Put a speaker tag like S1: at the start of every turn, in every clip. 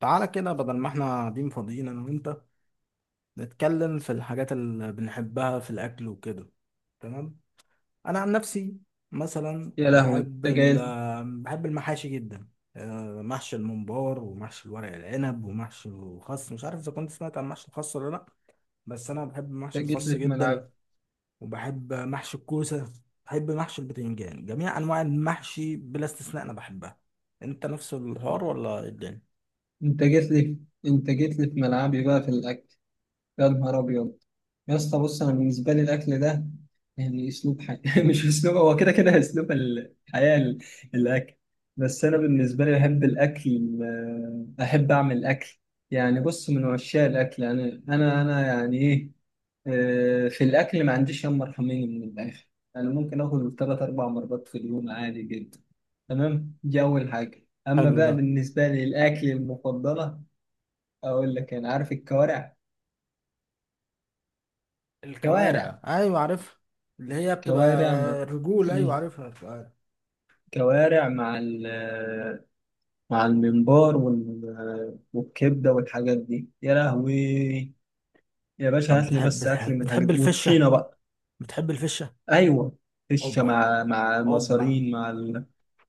S1: تعالى كده بدل ما احنا قاعدين فاضيين انا وانت نتكلم في الحاجات اللي بنحبها في الاكل وكده. تمام. انا عن نفسي مثلا
S2: يا لهوي! انت
S1: بحب
S2: جاي؟
S1: المحاشي جدا. محشي الممبار ومحشي الورق العنب ومحشي الخس، مش عارف اذا كنت سمعت عن محشي الخس ولا لا. بس انا بحب محشي
S2: انت جيت
S1: الخس
S2: لي في
S1: جدا
S2: ملعب
S1: وبحب محشي الكوسه. بحب محشي البتنجان، جميع انواع المحشي بلا استثناء انا بحبها. انت نفس الحوار ولا إيه الدنيا؟
S2: انت جيت لي انت جيت لي في ملعبي بقى في الاكل. يا نهار أبيض! يا اسطى، بص، أنا بالنسبة لي الأكل ده يعني أسلوب حياة مش أسلوب، هو كده كده أسلوب الحياة الأكل. بس أنا بالنسبة لي بحب الأكل، أحب أعمل أكل. يعني بص، من عشاق الأكل أنا يعني إيه. في الأكل ما عنديش يوم مرحمين من الآخر. أنا ممكن آكل تلات أربع مرات في اليوم عادي جدا. تمام، دي أول حاجة. أما
S1: حلو ده.
S2: بقى بالنسبة لي الأكل المفضلة، أقول لك، أنا عارف الكوارع. كوارع
S1: الكوارع، ايوه عارفها. اللي هي بتبقى
S2: كوارع مع...
S1: رجول، ايوه
S2: مم.
S1: عارفها الكوارع.
S2: كوارع مع مع الممبار وال... والكبدة والحاجات دي، يا لهوي! يا باشا
S1: طب
S2: هات لي بس أكل من الحاجات
S1: بتحب
S2: دي
S1: الفشه؟
S2: وطحينة بقى.
S1: بتحب الفشه؟
S2: أيوة. فشة
S1: اوبا،
S2: مع
S1: اوبا.
S2: المصارين مع... ال...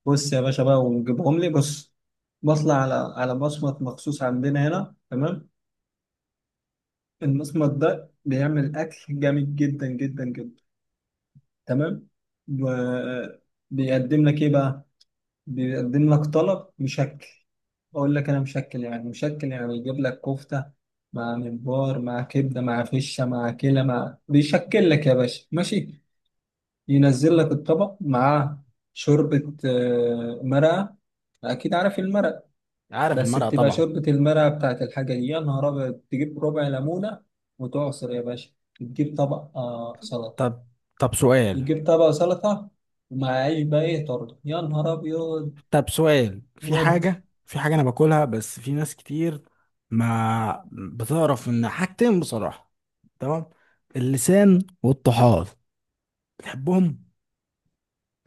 S2: بص يا باشا بقى، ونجيبهم لي. بص، بطلع على مصمت مخصوص عندنا هنا، تمام. المصمت ده بيعمل أكل جامد جدا جدا جدا. تمام، وبيقدم لك إيه بقى؟ بيقدم لك طلب مشكل. اقول لك انا، مشكل يعني مشكل يعني يجيب لك كفته مع ممبار مع كبده مع فشه مع كلى، مع بيشكل لك يا باشا، ماشي. ينزل لك الطبق مع شوربه، مرقه. اكيد عارف المرق.
S1: عارف
S2: بس
S1: المرأة
S2: بتبقى
S1: طبعا.
S2: شوربه المرقه بتاعت الحاجه دي، يا نهار ابيض، تجيب ربع ليمونه وتعصر يا باشا. تجيب طبق سلطه،
S1: طب طب سؤال.
S2: يجيب طبق سلطه. ومع عيش بقى ايه، طرد يا نهار ابيض.
S1: طب سؤال في
S2: ودي،
S1: حاجة في حاجة انا باكلها بس في ناس كتير ما بتعرف ان حاجتين، بصراحة. تمام، اللسان والطحال. بتحبهم؟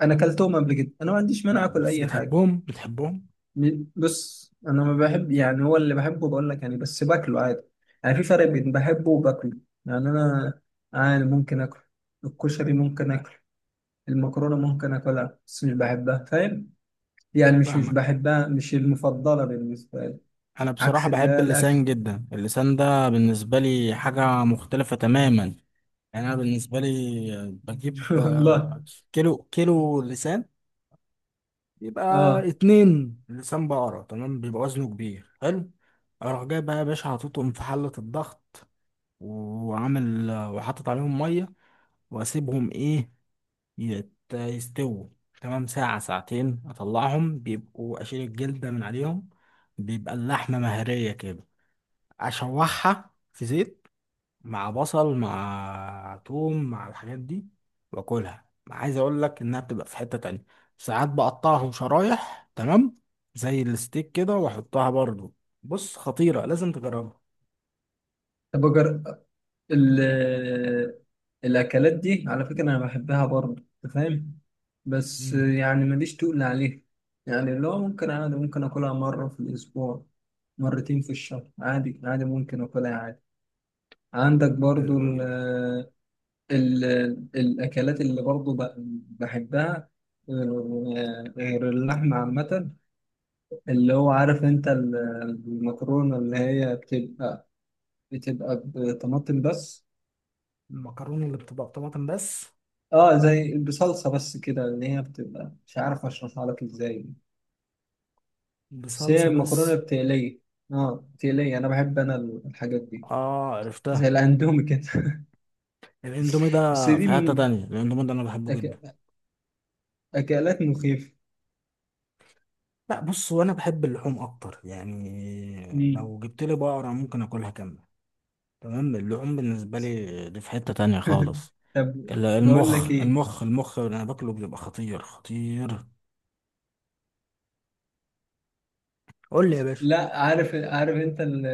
S2: انا كلتهم قبل كده، انا ما عنديش مانع
S1: لا
S2: اكل
S1: بس
S2: اي حاجه.
S1: بتحبهم؟
S2: بص، انا ما بحب، يعني هو اللي بحبه بقول لك، يعني بس باكله عادي. يعني في فرق بين بحبه وباكله. يعني انا عادي ممكن اكل، الكشري ممكن اكل، المكرونه ممكن اكلها بس مش بحبها، فاهم. يعني مش
S1: فاهمك.
S2: بحبها، مش المفضله بالنسبه لي.
S1: انا بصراحة
S2: عكس اللي
S1: بحب
S2: هي الاكل.
S1: اللسان جدا، اللسان ده بالنسبة لي حاجة مختلفة تماما. يعني انا بالنسبة لي بجيب
S2: والله.
S1: كيلو، كيلو يبقى
S2: اه.
S1: 2 لسان بقرة، تمام، بيبقى وزنه كبير. حلو، اروح جاي بقى يا باشا، حاططهم في حلة الضغط وعامل وحاطط عليهم مية واسيبهم ايه، يستووا. تمام، ساعة ساعتين اطلعهم، بيبقوا اشيل الجلدة من عليهم، بيبقى اللحمة مهرية كده. اشوحها في زيت، مع بصل مع توم مع الحاجات دي، واكلها. عايز اقول لك انها بتبقى في حتة تانية. ساعات بقطعهم شرايح، تمام، زي الستيك كده واحطها برضو. بص خطيرة، لازم تجربها.
S2: طب أجرب. ال- الأكلات دي على فكرة أنا بحبها برضه، أنت فاهم. بس
S1: مم.
S2: يعني ماليش تقول عليها. يعني اللي هو ممكن عادي ممكن آكلها مرة في الأسبوع، مرتين في الشهر، عادي عادي ممكن آكلها عادي. عندك برضه
S1: حلو جدا.
S2: ال الأكلات اللي برضه بحبها، غير، غير اللحمة عامة. اللي هو عارف أنت المكرونة اللي هي بتبقى بطماطم بس.
S1: المكرونة اللي بتبقى بطماطم بس،
S2: اه، زي بصلصه بس كده، ان هي بتبقى مش عارف اشرحها لك ازاي. بس هي
S1: بصلصة بس.
S2: المكرونه بتقليه. اه، بتقليه، انا بحب انا الحاجات دي،
S1: اه
S2: زي
S1: عرفتها.
S2: الاندومي كده.
S1: الاندومي ده
S2: بس
S1: في
S2: دي
S1: حتة
S2: من
S1: تانية، الاندومي ده انا بحبه جدا.
S2: أك... اكلات مخيفه.
S1: لا بص، وانا بحب اللحوم اكتر، يعني
S2: مم.
S1: لو جبت لي بقرة ممكن اكلها كاملة. تمام، اللحوم بالنسبة لي دي في حتة تانية خالص.
S2: طب،
S1: ال-
S2: بقول لك
S1: المخ
S2: ايه.
S1: المخ المخ اللي أنا باكله بيبقى خطير خطير. قول لي يا باشا.
S2: لا، عارف، عارف انت... ال...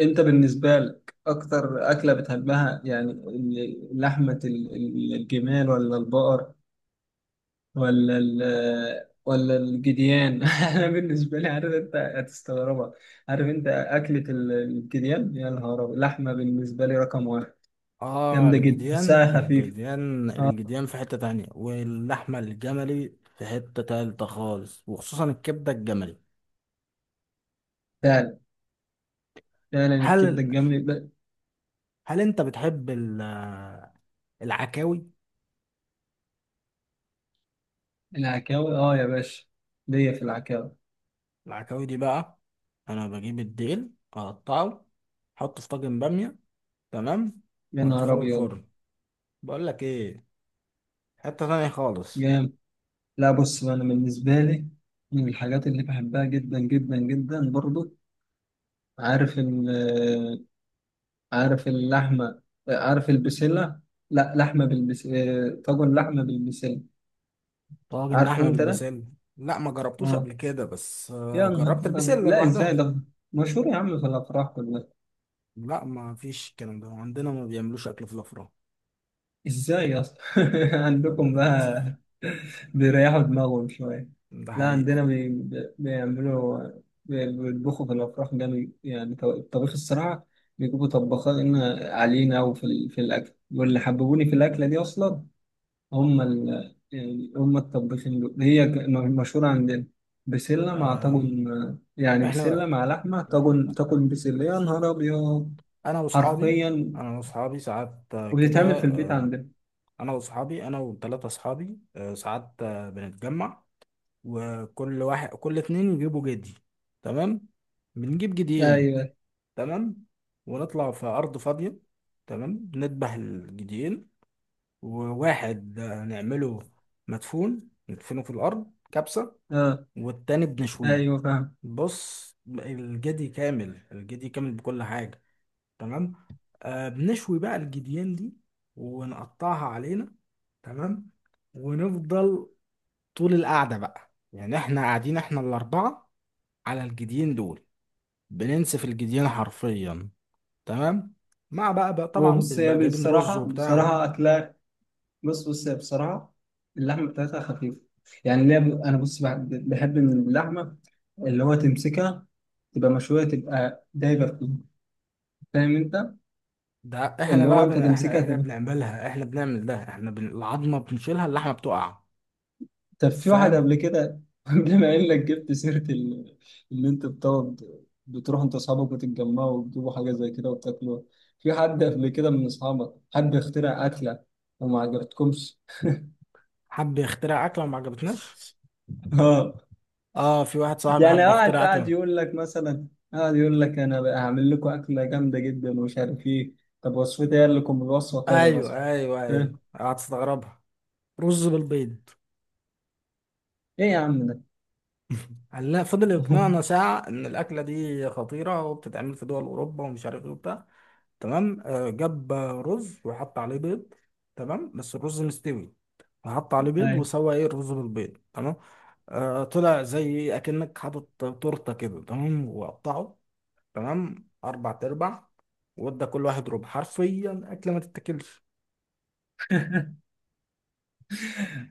S2: انت بالنسبه لك اكتر اكله بتحبها، يعني لحمه الجمال، ولا البقر، ولا ال، ولا الجديان؟ انا بالنسبه لي، عارف انت هتستغربها، عارف انت اكله الجديان، يا نهار أبيض. لحمه بالنسبه لي رقم واحد.
S1: آه،
S2: جامده جدا،
S1: الجديان
S2: ساعه خفيفه.
S1: الجديان
S2: اه،
S1: الجديان في حتة تانية، واللحمة الجملي في حتة تالتة خالص، وخصوصا الكبدة الجملي.
S2: فعلا، فعلا الكبده
S1: هل
S2: الجامده ب-.
S1: هل أنت بتحب العكاوي؟
S2: العكاوي اه يا باشا، ليا في العكاوي.
S1: العكاوي دي بقى أنا بجيب الديل أقطعه، أحطه في طاجن بامية، تمام،
S2: يا نهار
S1: وأدخله
S2: ابيض!
S1: الفرن. بقول لك إيه، حتة تانية خالص.
S2: جامد. لا بص بقى، انا بالنسبه لي من الحاجات اللي بحبها جدا جدا جدا برضو، عارف، عارف اللحمة، عارف البسلة. لا، لحمة بالبس آه، طاجن لحمة بالبسلة.
S1: طاجن
S2: عارفه
S1: لحمه
S2: انت ده؟
S1: بالبسله. لا ما جربتوش
S2: اه،
S1: قبل كده، بس
S2: يا نهار
S1: جربت
S2: أبيض.
S1: البسله
S2: لا ازاي
S1: لوحدها.
S2: ده مشهور يا عم، في الافراح كلها.
S1: لا ما فيش الكلام ده عندنا، ما بيعملوش اكل في الافراح.
S2: ازاي اصلا؟
S1: لا،
S2: عندكم بقى
S1: للاسف.
S2: بيريحوا دماغهم شوية.
S1: ده
S2: لا،
S1: حقيقه.
S2: عندنا بيعملوا، بيطبخوا في الافراح جامد، يعني الطبيخ الصراحة، بيجيبوا طباخين علينا. وفي ال... في الاكل، واللي حببوني في الاكلة دي اصلا، هم ال... يعني هم الطباخين دول، هي مشهورة عندنا. بسلة مع
S1: آم،
S2: طاجن، يعني بسلة
S1: احنا،
S2: مع لحمة، طاجن، طاجن بسلة، يا نهار أبيض!
S1: انا واصحابي،
S2: حرفيا،
S1: انا واصحابي ساعات آه، كده
S2: وبتتعمل في البيت
S1: آه،
S2: عندنا.
S1: انا واصحابي انا وثلاثه اصحابي ساعات بنتجمع وكل واحد، كل اتنين يجيبوا جدي. تمام، بنجيب جديين.
S2: أيوه.
S1: تمام، ونطلع في ارض فاضيه. تمام، نذبح الجديين وواحد نعمله مدفون، ندفنه في الأرض كبسة،
S2: آه.
S1: والتاني بنشويه.
S2: أيوه، فاهم.
S1: بص الجدي كامل، الجدي كامل بكل حاجة. تمام. آه بنشوي بقى الجديان دي ونقطعها علينا. تمام، ونفضل طول القعدة بقى، يعني احنا قاعدين، احنا الـ4 على الجديين دول، بننسف الجديان حرفيا. تمام، مع بقى
S2: هو
S1: طبعا
S2: بص، هي
S1: بنبقى جايبين رز
S2: بصراحة
S1: وبتاع.
S2: بصراحة أكلها. بص هي بصراحة، اللحمة بتاعتها خفيفة. يعني اللي هي ب- أنا بص بحب من اللحمة اللي هو تمسكها، تبقى مشوية، تبقى دايبة فيها، فاهم أنت؟
S1: ده احنا
S2: اللي هو
S1: بقى
S2: أنت
S1: بن... احنا
S2: تمسكها
S1: احنا
S2: تبقى.
S1: بنعملها، احنا بنعمل ده احنا بن... العظمه بنشيلها، اللحمه بتقع.
S2: طب في واحد
S1: فاهم؟
S2: قبل كده، بما انك جبت سيره اللي انت بتقعد، بتروح انت واصحابك وتتجمعوا وتجيبوا حاجه زي كده وتاكلوا، في حد قبل كده من اصحابك حد اخترع اكله وما عجبتكمش؟
S1: حب يخترع اكله وما عجبتناش.
S2: اه.
S1: اه في واحد صاحبي
S2: يعني
S1: حب
S2: قاعد
S1: يخترع
S2: قاعد
S1: اكله.
S2: يقول لك مثلا، قاعد يقول لك انا بقى هعمل لكم اكله جامده جدا ومش عارف ايه، طب وصفتي؟ قال لكم الوصفه كذا
S1: ايوه
S2: مثلا،
S1: ايوه ايوه،
S2: فاهم؟
S1: هتستغربها. رز بالبيض.
S2: ايه يا عم ده؟
S1: قال لا، فضل يقنعنا ساعه ان الاكله دي خطيره وبتتعمل في دول اوروبا ومش عارف ايه وبتاع. تمام، جاب رز وحط عليه بيض، تمام، بس الرز مستوي، فحط عليه بيض
S2: ايوه.
S1: وسوى ايه، الرز بالبيض. تمام، طلع زي اكنك حاطط تورته كده، تمام، وقطعه، تمام، 4 ارباع، وادى كل واحد ربع، حرفيا اكله ما تتاكلش.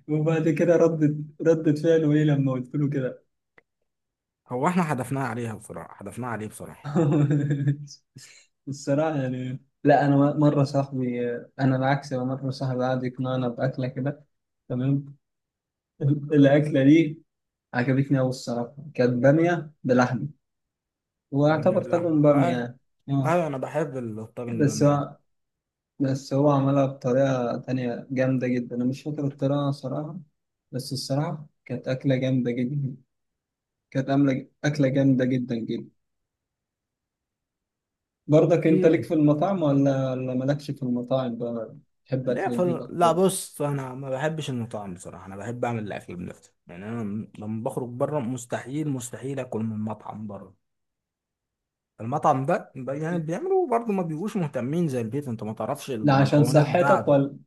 S2: وبعد كده ردت، ردت فعله ايه لما قلت له كده؟
S1: هو احنا حدفناها عليها بصراحه، حدفناها عليه بصراحه.
S2: الصراحة يعني، لا أنا مرة صاحبي، أنا العكس، أنا مرة صاحبي قعد يقنعنا بأكلة كده، تمام. الأكلة دي عجبتني أوي الصراحة، كانت بامية بلحمة،
S1: باميه
S2: واعتبر
S1: بالله
S2: طاجن بامية
S1: هاي،
S2: يعني. أه.
S1: هاي انا بحب الطاجن
S2: بس
S1: الباميه ده.
S2: هو بس هو عملها بطريقة تانية جامدة جدا، أنا مش فاكر الطريقة صراحة. بس الصراحة كانت أكلة جامدة جدا، كانت عاملة أكلة جامدة جدا جدا. برضك انت ليك
S1: في.
S2: في المطاعم، ولا مالكش في المطاعم بقى؟ تحب اكل البيت
S1: لا
S2: اكتر؟
S1: بص، انا ما بحبش المطاعم بصراحه، انا بحب اعمل الاكل بنفسي، يعني انا لما بخرج بره مستحيل، مستحيل اكل من مطعم بره. المطعم ده يعني بيعملوا برضه ما بيبقوش مهتمين زي البيت، انت ما تعرفش
S2: لا عشان
S1: المكونات
S2: صحتك،
S1: بتاعته.
S2: ولا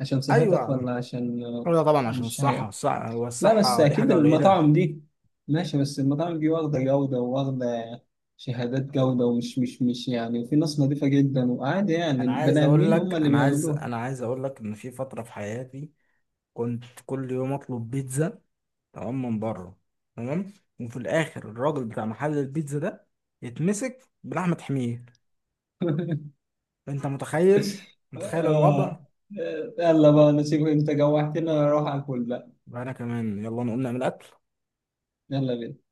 S2: عشان
S1: ايوه يا
S2: صحتك، ولا
S1: عم.
S2: عشان
S1: ايوه طبعا عشان
S2: مش
S1: الصحه،
S2: هي.
S1: الصحه
S2: لا بس
S1: والصحه دي
S2: اكيد
S1: حاجه قليله.
S2: المطاعم دي ماشي، بس المطاعم دي واخده جوده، وواخده شهادات جوده، ومش مش يعني، وفي ناس نظيفه جدا، وعادي يعني البني ادمين هم اللي بيعملوها.
S1: انا عايز اقول لك ان في فتره في حياتي كنت كل يوم اطلب بيتزا، تمام، من بره. تمام، وفي الاخر الراجل بتاع محل البيتزا ده يتمسك بلحمة حمير. انت متخيل؟ متخيل الوضع؟
S2: آه. يلا بقى نسيبك، انت جوعتنا، اروح اكل بقى.
S1: انا كمان يلا نقوم نعمل اكل.
S2: يلا بينا.